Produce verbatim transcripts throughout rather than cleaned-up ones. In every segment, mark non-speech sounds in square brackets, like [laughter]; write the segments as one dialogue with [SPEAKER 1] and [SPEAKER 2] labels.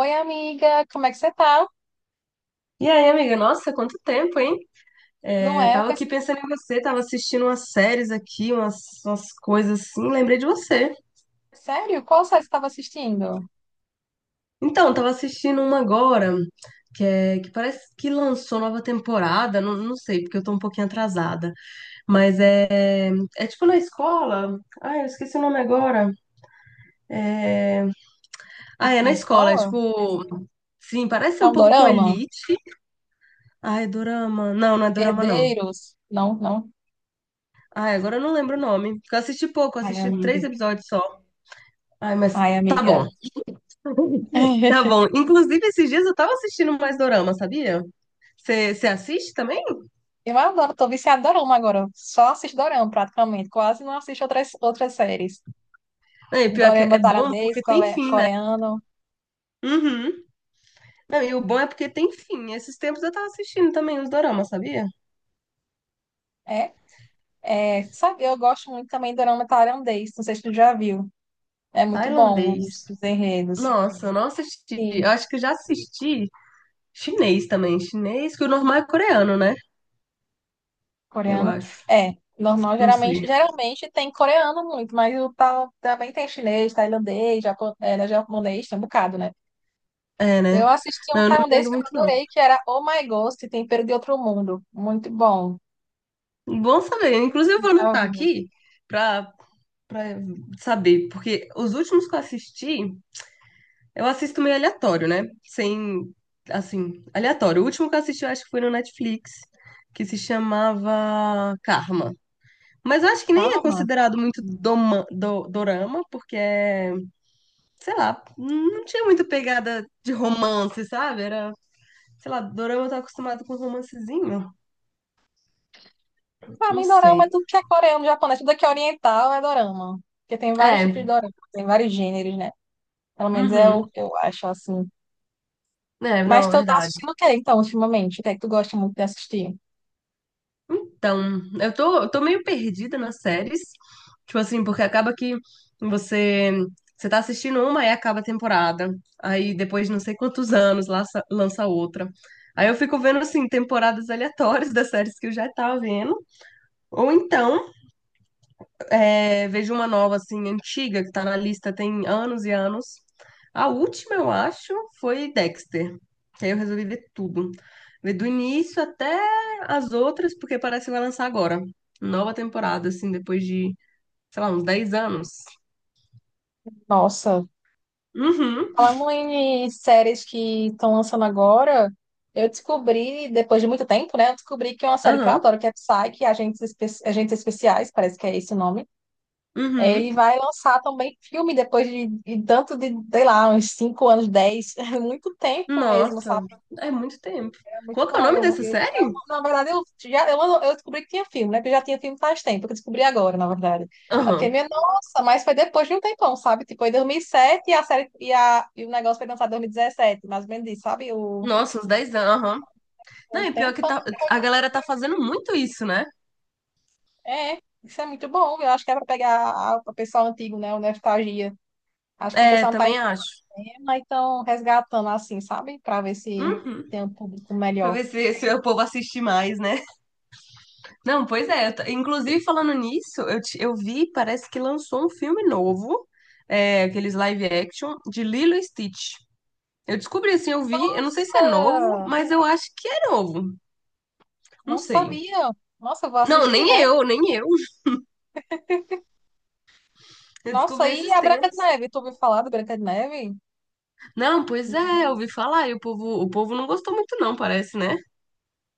[SPEAKER 1] Oi, amiga, como é que você tá?
[SPEAKER 2] E aí, amiga? Nossa, quanto tempo, hein?
[SPEAKER 1] Não
[SPEAKER 2] É,
[SPEAKER 1] é? Eu
[SPEAKER 2] tava aqui
[SPEAKER 1] pensei.
[SPEAKER 2] pensando em você, tava assistindo umas séries aqui, umas, umas coisas assim, lembrei de você.
[SPEAKER 1] Sério? Qual série você estava assistindo?
[SPEAKER 2] Então, tava assistindo uma agora, que, é, que parece que lançou nova temporada, não, não sei, porque eu tô um pouquinho atrasada. Mas é, é tipo na escola. Ai, eu esqueci o nome agora. É. Ah,
[SPEAKER 1] Tipo,
[SPEAKER 2] é
[SPEAKER 1] na
[SPEAKER 2] na escola, é
[SPEAKER 1] escola?
[SPEAKER 2] tipo. Sim, parece
[SPEAKER 1] É
[SPEAKER 2] um
[SPEAKER 1] um
[SPEAKER 2] pouco com
[SPEAKER 1] dorama?
[SPEAKER 2] Elite. Ai, Dorama. Não, não é Dorama, não.
[SPEAKER 1] Herdeiros? Não, não.
[SPEAKER 2] Ai, agora eu não lembro o nome. Porque eu assisti pouco, eu
[SPEAKER 1] Ai,
[SPEAKER 2] assisti
[SPEAKER 1] amiga.
[SPEAKER 2] três episódios só. Ai, mas
[SPEAKER 1] Ai,
[SPEAKER 2] tá bom.
[SPEAKER 1] amiga.
[SPEAKER 2] Tá
[SPEAKER 1] [laughs]
[SPEAKER 2] bom. Inclusive, esses dias eu tava assistindo mais dorama, sabia? Você você assiste também?
[SPEAKER 1] Eu adoro, tô viciada em dorama agora. Só assisto dorama, praticamente. Quase não assisto outras, outras séries.
[SPEAKER 2] É, pior que é
[SPEAKER 1] Dorama
[SPEAKER 2] bom
[SPEAKER 1] tailandês,
[SPEAKER 2] porque tem
[SPEAKER 1] cole-
[SPEAKER 2] fim, né?
[SPEAKER 1] coreano.
[SPEAKER 2] Uhum. Não, e o bom é porque tem fim. Esses tempos eu tava assistindo também os doramas, sabia?
[SPEAKER 1] É, é, sabe, eu gosto muito também de dorama tailandês. Não sei se tu já viu. É muito bom
[SPEAKER 2] Tailandês.
[SPEAKER 1] os, os enredos.
[SPEAKER 2] Nossa, eu não assisti. Eu acho que eu já assisti chinês também. Chinês, que o normal é coreano, né? Eu
[SPEAKER 1] Coreano.
[SPEAKER 2] acho.
[SPEAKER 1] É, normal,
[SPEAKER 2] Não
[SPEAKER 1] geralmente,
[SPEAKER 2] sei.
[SPEAKER 1] geralmente tem coreano muito, mas o tal também tem chinês, tailandês, japo- é, né, japonês, tem um bocado, né?
[SPEAKER 2] É,
[SPEAKER 1] Eu
[SPEAKER 2] né?
[SPEAKER 1] assisti
[SPEAKER 2] Não,
[SPEAKER 1] um
[SPEAKER 2] eu não
[SPEAKER 1] tailandês
[SPEAKER 2] entendo
[SPEAKER 1] que eu
[SPEAKER 2] muito, não.
[SPEAKER 1] adorei, que era Oh My Ghost, Tempero de Outro Mundo. Muito bom.
[SPEAKER 2] Bom saber. Inclusive, eu vou
[SPEAKER 1] Já
[SPEAKER 2] anotar
[SPEAKER 1] viu?
[SPEAKER 2] aqui pra, pra saber, porque os últimos que eu assisti, eu assisto meio aleatório, né? Sem, assim, aleatório. O último que eu assisti, eu acho que foi no Netflix, que se chamava Karma. Mas eu acho que nem é
[SPEAKER 1] Calma.
[SPEAKER 2] considerado muito doma, do, dorama, porque é, sei lá, não tinha muito pegada de romance, sabe? Era, sei lá, dorama eu tô acostumado com romancezinho.
[SPEAKER 1] Pra
[SPEAKER 2] Não
[SPEAKER 1] mim, dorama é
[SPEAKER 2] sei.
[SPEAKER 1] tudo que é coreano, japonês, tudo que é oriental é dorama. Porque tem vários tipos de
[SPEAKER 2] É,
[SPEAKER 1] dorama, tem vários gêneros, né? Pelo menos é
[SPEAKER 2] uhum.
[SPEAKER 1] o que eu acho, assim.
[SPEAKER 2] É,
[SPEAKER 1] Mas
[SPEAKER 2] não, é
[SPEAKER 1] tu tá
[SPEAKER 2] verdade.
[SPEAKER 1] assistindo o que, então, ultimamente? O que é que tu gosta muito de assistir?
[SPEAKER 2] Então, eu tô, eu tô meio perdida nas séries. Tipo assim, porque acaba que você, você tá assistindo uma e acaba a temporada. Aí depois de não sei quantos anos lança, lança outra. Aí eu fico vendo assim, temporadas aleatórias das séries que eu já tava vendo. Ou então é, vejo uma nova, assim, antiga, que tá na lista tem anos e anos. A última, eu acho, foi Dexter. Que aí eu resolvi ver tudo. Ver do início até as outras, porque parece que vai lançar agora. Nova temporada, assim, depois de, sei lá, uns dez anos.
[SPEAKER 1] Nossa.
[SPEAKER 2] Uhum,
[SPEAKER 1] Falando em séries que estão lançando agora, eu descobri, depois de muito tempo, né? Eu descobri que é uma série que eu
[SPEAKER 2] aham,
[SPEAKER 1] adoro, que é Psyche, Agentes, Espe- Agentes Especiais, parece que é esse o nome. É,
[SPEAKER 2] uhum.
[SPEAKER 1] ele vai lançar também filme depois de, de tanto de, sei lá, uns cinco anos, dez, [laughs] muito tempo mesmo,
[SPEAKER 2] Nossa,
[SPEAKER 1] sabe?
[SPEAKER 2] é muito tempo.
[SPEAKER 1] É muito
[SPEAKER 2] Qual que é o
[SPEAKER 1] bom.
[SPEAKER 2] nome
[SPEAKER 1] Eu,
[SPEAKER 2] dessa
[SPEAKER 1] eu tinha-
[SPEAKER 2] série?
[SPEAKER 1] na verdade, eu, já, eu, eu descobri que tinha filme, né? Porque já tinha filme faz tempo, que eu descobri agora, na verdade. Eu filme
[SPEAKER 2] Aham.
[SPEAKER 1] é, nossa, mas foi depois de um tempão, sabe? Tipo, foi em dois mil e, sete e, a série, e, a, e o negócio foi lançado em dois mil e dezessete, mais ou menos isso, sabe? O,
[SPEAKER 2] Nossa, uns dez anos, aham. Não,
[SPEAKER 1] um
[SPEAKER 2] e pior que
[SPEAKER 1] tempão
[SPEAKER 2] tá,
[SPEAKER 1] depois
[SPEAKER 2] a
[SPEAKER 1] do
[SPEAKER 2] galera tá
[SPEAKER 1] filme.
[SPEAKER 2] fazendo muito isso, né?
[SPEAKER 1] É, isso é muito bom. Eu acho que é para pegar a- o pessoal antigo, né? O nostalgia. Acho que o
[SPEAKER 2] É,
[SPEAKER 1] pessoal não tá em
[SPEAKER 2] também acho.
[SPEAKER 1] tema, então resgatando assim, sabe? Para ver se
[SPEAKER 2] Uhum.
[SPEAKER 1] tem um público
[SPEAKER 2] Pra
[SPEAKER 1] melhor.
[SPEAKER 2] ver se, se o povo assiste mais, né? Não, pois é. eu t- Inclusive, falando nisso, eu, ti- eu vi, parece que lançou um filme novo, é, aqueles live action, de Lilo e Stitch. Eu descobri assim, eu vi, eu não sei se é novo,
[SPEAKER 1] Nossa,
[SPEAKER 2] mas eu acho que é novo. Não
[SPEAKER 1] não
[SPEAKER 2] sei.
[SPEAKER 1] sabia. Nossa, eu vou
[SPEAKER 2] Não,
[SPEAKER 1] assistir,
[SPEAKER 2] nem
[SPEAKER 1] né?
[SPEAKER 2] eu, nem eu. Eu
[SPEAKER 1] Nossa,
[SPEAKER 2] descobri
[SPEAKER 1] e
[SPEAKER 2] esses
[SPEAKER 1] a Branca de
[SPEAKER 2] tempos.
[SPEAKER 1] Neve? Tu ouviu falar da Branca de Neve?
[SPEAKER 2] Não, pois é, eu
[SPEAKER 1] Uhum.
[SPEAKER 2] ouvi falar e o povo, o povo não gostou muito, não, parece, né?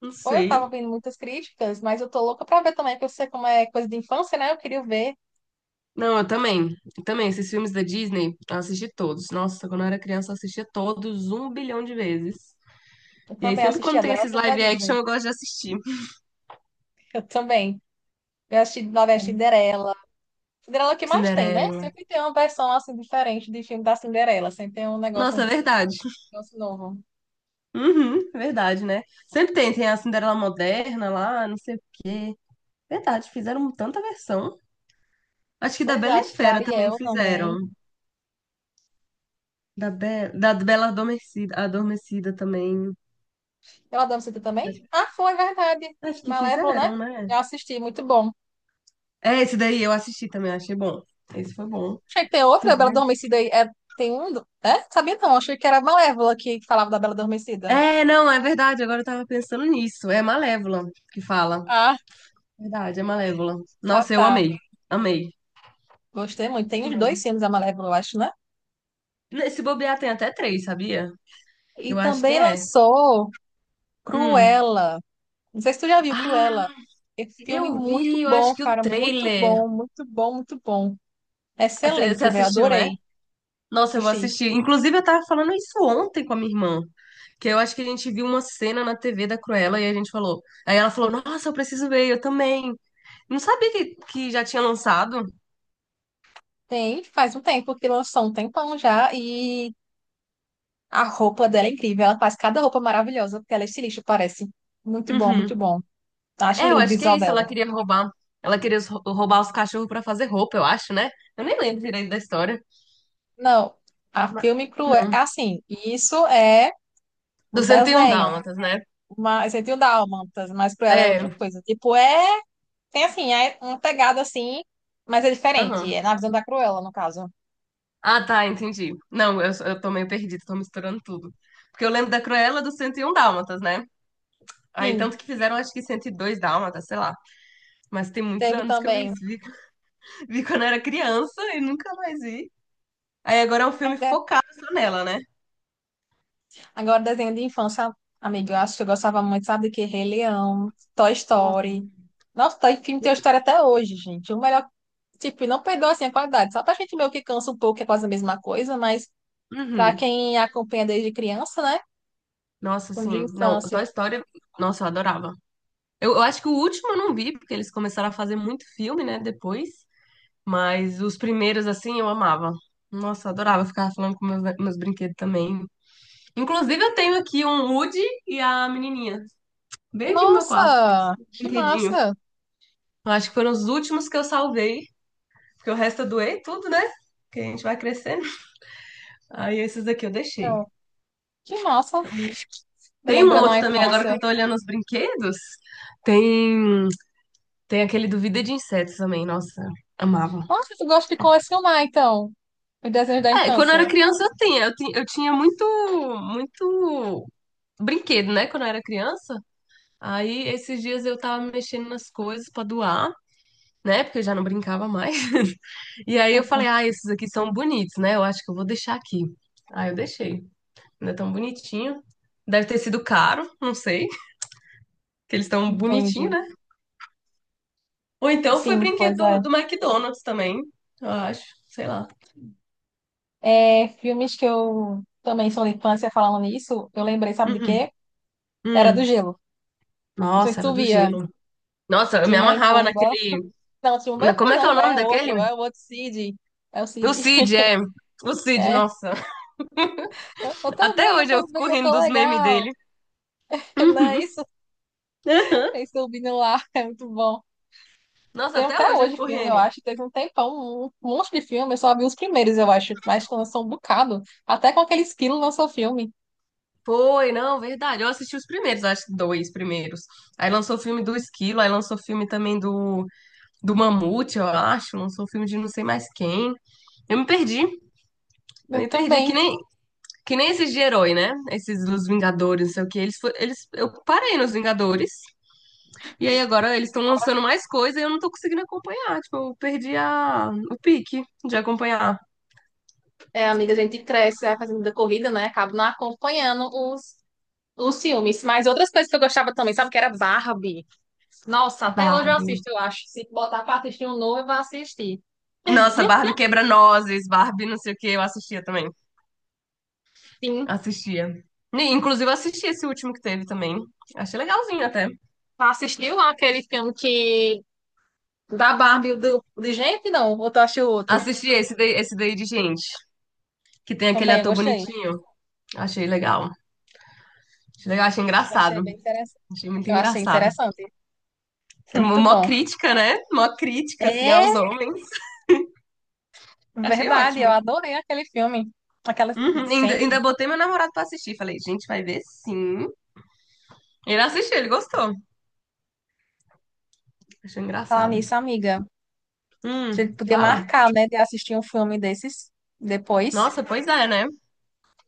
[SPEAKER 2] Não
[SPEAKER 1] Pô, eu tava
[SPEAKER 2] sei.
[SPEAKER 1] ouvindo muitas críticas, mas eu tô louca pra ver também, porque eu sei como é coisa de infância, né? Eu queria ver.
[SPEAKER 2] Não, eu também. Eu também, esses filmes da Disney, eu assisti todos. Nossa, quando eu era criança, eu assistia todos um bilhão de vezes.
[SPEAKER 1] Eu
[SPEAKER 2] E aí,
[SPEAKER 1] também
[SPEAKER 2] sempre
[SPEAKER 1] assisti,
[SPEAKER 2] quando tem
[SPEAKER 1] adorava o
[SPEAKER 2] esses
[SPEAKER 1] filme da
[SPEAKER 2] live action,
[SPEAKER 1] Disney.
[SPEAKER 2] eu gosto de assistir.
[SPEAKER 1] Eu também. Eu assisti novela Cinderela. Cinderela é o que mais tem, né?
[SPEAKER 2] Cinderela.
[SPEAKER 1] Sempre tem uma versão, assim, diferente de filme da Cinderela. Sempre tem um negócio, um
[SPEAKER 2] Nossa, é verdade. [laughs]
[SPEAKER 1] negócio novo.
[SPEAKER 2] Uhum, verdade, né? Sempre tem, tem a Cinderela moderna lá, não sei o quê. Verdade, fizeram tanta versão. Acho que da
[SPEAKER 1] Pois é,
[SPEAKER 2] Bela e a
[SPEAKER 1] acho que a
[SPEAKER 2] Fera também
[SPEAKER 1] Ariel também.
[SPEAKER 2] fizeram. Da, Be da Bela Adormecida, Adormecida também.
[SPEAKER 1] Ela adoro
[SPEAKER 2] Acho,
[SPEAKER 1] também? Ah, foi, verdade.
[SPEAKER 2] acho que
[SPEAKER 1] Malévola, né?
[SPEAKER 2] fizeram, né?
[SPEAKER 1] Eu assisti, muito bom.
[SPEAKER 2] É, esse daí eu assisti também, achei bom. Esse foi bom.
[SPEAKER 1] Achei que tem outra da Bela Adormecida aí. É, tem um. do- É? Sabia não. Achei que era a Malévola que falava da Bela Adormecida.
[SPEAKER 2] É, não, é verdade. Agora eu tava pensando nisso. É Malévola que fala.
[SPEAKER 1] Ah,
[SPEAKER 2] Verdade, é Malévola.
[SPEAKER 1] ah,
[SPEAKER 2] Nossa, eu
[SPEAKER 1] tá.
[SPEAKER 2] amei. Amei.
[SPEAKER 1] Gostei muito. Tem os dois
[SPEAKER 2] Amei.
[SPEAKER 1] filmes da Malévola, eu acho, né?
[SPEAKER 2] Se bobear, tem até três, sabia?
[SPEAKER 1] E
[SPEAKER 2] Eu acho que
[SPEAKER 1] também
[SPEAKER 2] é.
[SPEAKER 1] lançou
[SPEAKER 2] Hum.
[SPEAKER 1] Cruella. Não sei se tu já viu Cruella.
[SPEAKER 2] Ah,
[SPEAKER 1] Esse filme
[SPEAKER 2] eu
[SPEAKER 1] muito
[SPEAKER 2] vi, eu acho
[SPEAKER 1] bom,
[SPEAKER 2] que o
[SPEAKER 1] cara. Muito
[SPEAKER 2] trailer.
[SPEAKER 1] bom, muito bom, muito bom.
[SPEAKER 2] Você
[SPEAKER 1] Excelente, velho.
[SPEAKER 2] assistiu, né?
[SPEAKER 1] Adorei
[SPEAKER 2] Nossa, eu vou
[SPEAKER 1] assistir.
[SPEAKER 2] assistir. Inclusive, eu tava falando isso ontem com a minha irmã. Que eu acho que a gente viu uma cena na T V da Cruella e a gente falou. Aí ela falou: Nossa, eu preciso ver, eu também. Não sabia que, que já tinha lançado.
[SPEAKER 1] Tem, faz um tempo que lançou, um tempão já. E a roupa dela é incrível. Ela faz cada roupa maravilhosa, porque ela é estilista, parece. Muito bom, muito
[SPEAKER 2] Uhum.
[SPEAKER 1] bom. Acho
[SPEAKER 2] É, eu
[SPEAKER 1] lindo o
[SPEAKER 2] acho que é
[SPEAKER 1] visual
[SPEAKER 2] isso. Ela
[SPEAKER 1] dela.
[SPEAKER 2] queria roubar. Ela queria os- roubar os cachorros pra fazer roupa, eu acho, né? Eu nem lembro direito da história.
[SPEAKER 1] Não, a
[SPEAKER 2] Ma-
[SPEAKER 1] filme cruel. É é
[SPEAKER 2] Não.
[SPEAKER 1] assim, isso é o
[SPEAKER 2] Do cento e um
[SPEAKER 1] desenho.
[SPEAKER 2] Dálmatas, né?
[SPEAKER 1] Mas você tem o Dálmatas, mas cruel é outra
[SPEAKER 2] É.
[SPEAKER 1] coisa. Tipo, é. Tem assim, é uma pegada assim, mas é diferente. É
[SPEAKER 2] Aham.
[SPEAKER 1] na visão da Cruella, no caso.
[SPEAKER 2] Ah, tá, entendi. Não, eu, eu tô meio perdida, tô misturando tudo. Porque eu lembro da Cruella do cento e um Dálmatas, né? Aí tanto
[SPEAKER 1] Sim,
[SPEAKER 2] que fizeram, acho que cento e dois Dálmatas, sei lá. Mas tem muitos
[SPEAKER 1] teve
[SPEAKER 2] anos que eu vi
[SPEAKER 1] também.
[SPEAKER 2] isso. Vi, vi quando era criança e nunca mais vi. Aí agora é um
[SPEAKER 1] Ai,
[SPEAKER 2] filme
[SPEAKER 1] de-
[SPEAKER 2] focado só nela, né?
[SPEAKER 1] Agora, desenho de infância, amigo, eu acho que eu gostava muito, sabe, do que Rei Leão, Toy
[SPEAKER 2] Nossa,
[SPEAKER 1] Story. Nossa, Toy filme tem
[SPEAKER 2] bele-
[SPEAKER 1] história até hoje, gente. O melhor. Tipo, não perdeu assim a qualidade. Só pra gente meio que cansa um pouco, que é quase a mesma coisa, mas. Pra
[SPEAKER 2] Uhum.
[SPEAKER 1] quem acompanha desde criança, né?
[SPEAKER 2] Nossa,
[SPEAKER 1] Como
[SPEAKER 2] sim.
[SPEAKER 1] de
[SPEAKER 2] Não,
[SPEAKER 1] infância.
[SPEAKER 2] Toy Story, nossa, eu adorava. Eu, eu acho que o último eu não vi, porque eles começaram a fazer muito filme, né, depois. Mas os primeiros, assim, eu amava. Nossa, eu adorava ficar falando com meus, meus brinquedos também. Inclusive, eu tenho aqui um Woody e a menininha, bem aqui no meu quarto,
[SPEAKER 1] Nossa, que
[SPEAKER 2] brinquedinho.
[SPEAKER 1] massa!
[SPEAKER 2] Eu acho que foram os últimos que eu salvei, porque o resto eu doei tudo, né? Porque a gente vai crescendo. Aí esses aqui eu deixei.
[SPEAKER 1] Então, que massa!
[SPEAKER 2] Tem um
[SPEAKER 1] Lembrando a
[SPEAKER 2] outro também, agora que eu
[SPEAKER 1] infância.
[SPEAKER 2] tô olhando os brinquedos. Tem, tem aquele do Vida de Insetos também, nossa, amava.
[SPEAKER 1] Nossa, tu gosta de colecionar, então, os desenhos da
[SPEAKER 2] É, quando eu era
[SPEAKER 1] infância.
[SPEAKER 2] criança eu tinha, eu tinha, eu tinha muito, muito brinquedo, né, quando eu era criança. Aí esses dias eu tava mexendo nas coisas pra doar, né, porque eu já não brincava mais. [laughs] E aí eu falei, ah,
[SPEAKER 1] [laughs]
[SPEAKER 2] esses aqui são bonitos, né, eu acho que eu vou deixar aqui. Aí eu deixei, ainda tão bonitinho. Deve ter sido caro, não sei, que eles estão bonitinhos,
[SPEAKER 1] Entendi.
[SPEAKER 2] né? Ou então foi
[SPEAKER 1] Sim,
[SPEAKER 2] brinquedo
[SPEAKER 1] pois é.
[SPEAKER 2] do, do McDonald's também, eu acho, sei lá.
[SPEAKER 1] É, filmes que eu também sou da infância falando nisso, eu lembrei, sabe de
[SPEAKER 2] Uhum.
[SPEAKER 1] quê? Era do
[SPEAKER 2] Hum.
[SPEAKER 1] Gelo. Não sei se
[SPEAKER 2] Nossa, era
[SPEAKER 1] tu
[SPEAKER 2] do
[SPEAKER 1] via.
[SPEAKER 2] gelo. Nossa, eu me
[SPEAKER 1] Timão e
[SPEAKER 2] amarrava
[SPEAKER 1] Pumba.
[SPEAKER 2] naquele
[SPEAKER 1] Não, Timão e
[SPEAKER 2] Na-
[SPEAKER 1] Pumba
[SPEAKER 2] Como é que é o
[SPEAKER 1] não,
[SPEAKER 2] nome
[SPEAKER 1] é
[SPEAKER 2] daquele?
[SPEAKER 1] outro, é o outro Cid. É o
[SPEAKER 2] O
[SPEAKER 1] Cid.
[SPEAKER 2] Cid,
[SPEAKER 1] [laughs]
[SPEAKER 2] é. O Cid,
[SPEAKER 1] É,
[SPEAKER 2] nossa.
[SPEAKER 1] eu
[SPEAKER 2] [laughs] Até
[SPEAKER 1] também, eu
[SPEAKER 2] hoje eu
[SPEAKER 1] também,
[SPEAKER 2] fico
[SPEAKER 1] eu
[SPEAKER 2] rindo
[SPEAKER 1] tô
[SPEAKER 2] dos memes
[SPEAKER 1] legal.
[SPEAKER 2] dele.
[SPEAKER 1] [laughs] Não,
[SPEAKER 2] Uhum.
[SPEAKER 1] isso,
[SPEAKER 2] [laughs] Aham.
[SPEAKER 1] isso do Vini lá é muito bom.
[SPEAKER 2] Nossa,
[SPEAKER 1] Tem
[SPEAKER 2] até
[SPEAKER 1] até
[SPEAKER 2] hoje eu
[SPEAKER 1] hoje
[SPEAKER 2] fico
[SPEAKER 1] filme, eu
[SPEAKER 2] rindo.
[SPEAKER 1] acho. Teve um tempão, um monte de filme. Eu só vi os primeiros, eu acho. Mas lançou um bocado. Até com aquele esquilo lançou filme.
[SPEAKER 2] Foi, não, verdade. Eu assisti os primeiros, acho que dois primeiros. Aí lançou o filme do Esquilo, aí lançou o filme também do, do Mamute, eu acho. Lançou o filme de não sei mais quem. Eu me perdi. Eu
[SPEAKER 1] Eu
[SPEAKER 2] me perdi,
[SPEAKER 1] também.
[SPEAKER 2] que nem, que nem esses de herói, né? Esses dos Vingadores, não sei o que Eles, fo- eles, eu parei nos Vingadores. E aí agora eles estão lançando mais coisa e eu não tô conseguindo acompanhar. Tipo, eu perdi a... o pique de acompanhar.
[SPEAKER 1] É, amiga, a gente cresce, vai fazendo da corrida, né? Acabo não acompanhando os, os filmes. Mas outras coisas que eu gostava também, sabe? Que era Barbie. Nossa, até hoje eu
[SPEAKER 2] Barbie.
[SPEAKER 1] assisto, eu acho. Se botar pra assistir um novo, eu vou assistir.
[SPEAKER 2] Nossa, Barbie quebra-nozes, Barbie não sei o que, eu assistia também.
[SPEAKER 1] Sim.
[SPEAKER 2] Assistia. E, inclusive, eu assisti esse último que teve também. Achei legalzinho até.
[SPEAKER 1] Assistiu aquele filme que... Da Barbie, do... de gente, não? Ou tu acha o outro?
[SPEAKER 2] Assisti esse daí, esse daí de gente, que tem aquele
[SPEAKER 1] Também, eu
[SPEAKER 2] ator
[SPEAKER 1] gostei.
[SPEAKER 2] bonitinho. Achei legal. Achei legal, achei
[SPEAKER 1] Eu achei bem
[SPEAKER 2] engraçado.
[SPEAKER 1] interessante.
[SPEAKER 2] Achei muito
[SPEAKER 1] Eu achei
[SPEAKER 2] engraçado.
[SPEAKER 1] interessante. [laughs]
[SPEAKER 2] É mó
[SPEAKER 1] Muito
[SPEAKER 2] mó
[SPEAKER 1] bom.
[SPEAKER 2] crítica, né? Mó crítica, assim,
[SPEAKER 1] É
[SPEAKER 2] aos homens. Achei
[SPEAKER 1] verdade, eu
[SPEAKER 2] ótimo.
[SPEAKER 1] adorei aquele filme. Aquela
[SPEAKER 2] Uhum, ainda,
[SPEAKER 1] sente.
[SPEAKER 2] ainda botei meu namorado pra assistir. Falei, gente, vai ver sim. Ele assistiu, ele gostou. Achei
[SPEAKER 1] Falar
[SPEAKER 2] engraçado.
[SPEAKER 1] nisso, amiga. A
[SPEAKER 2] Hum,
[SPEAKER 1] gente podia
[SPEAKER 2] fala.
[SPEAKER 1] marcar, né, de assistir um filme desses depois.
[SPEAKER 2] Nossa, pois é, né?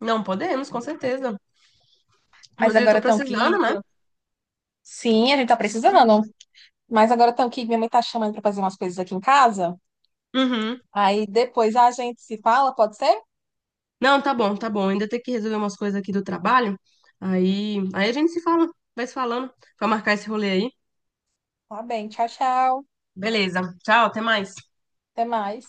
[SPEAKER 2] Não, podemos, com certeza.
[SPEAKER 1] Mas
[SPEAKER 2] Inclusive, eu
[SPEAKER 1] agora
[SPEAKER 2] tô
[SPEAKER 1] estão
[SPEAKER 2] precisando,
[SPEAKER 1] aqui. Que
[SPEAKER 2] né?
[SPEAKER 1] eu... Sim, a gente tá precisando.
[SPEAKER 2] Uhum.
[SPEAKER 1] Mas agora estão aqui. Minha mãe tá chamando pra fazer umas coisas aqui em casa.
[SPEAKER 2] Uhum.
[SPEAKER 1] Aí depois a gente se fala, pode ser?
[SPEAKER 2] Não, tá bom, tá bom. Ainda tem que resolver umas coisas aqui do trabalho. Aí, aí a gente se fala, vai se falando. Pra marcar esse rolê aí.
[SPEAKER 1] Tá bem, tchau, tchau.
[SPEAKER 2] Beleza. Tchau, até mais.
[SPEAKER 1] Até mais.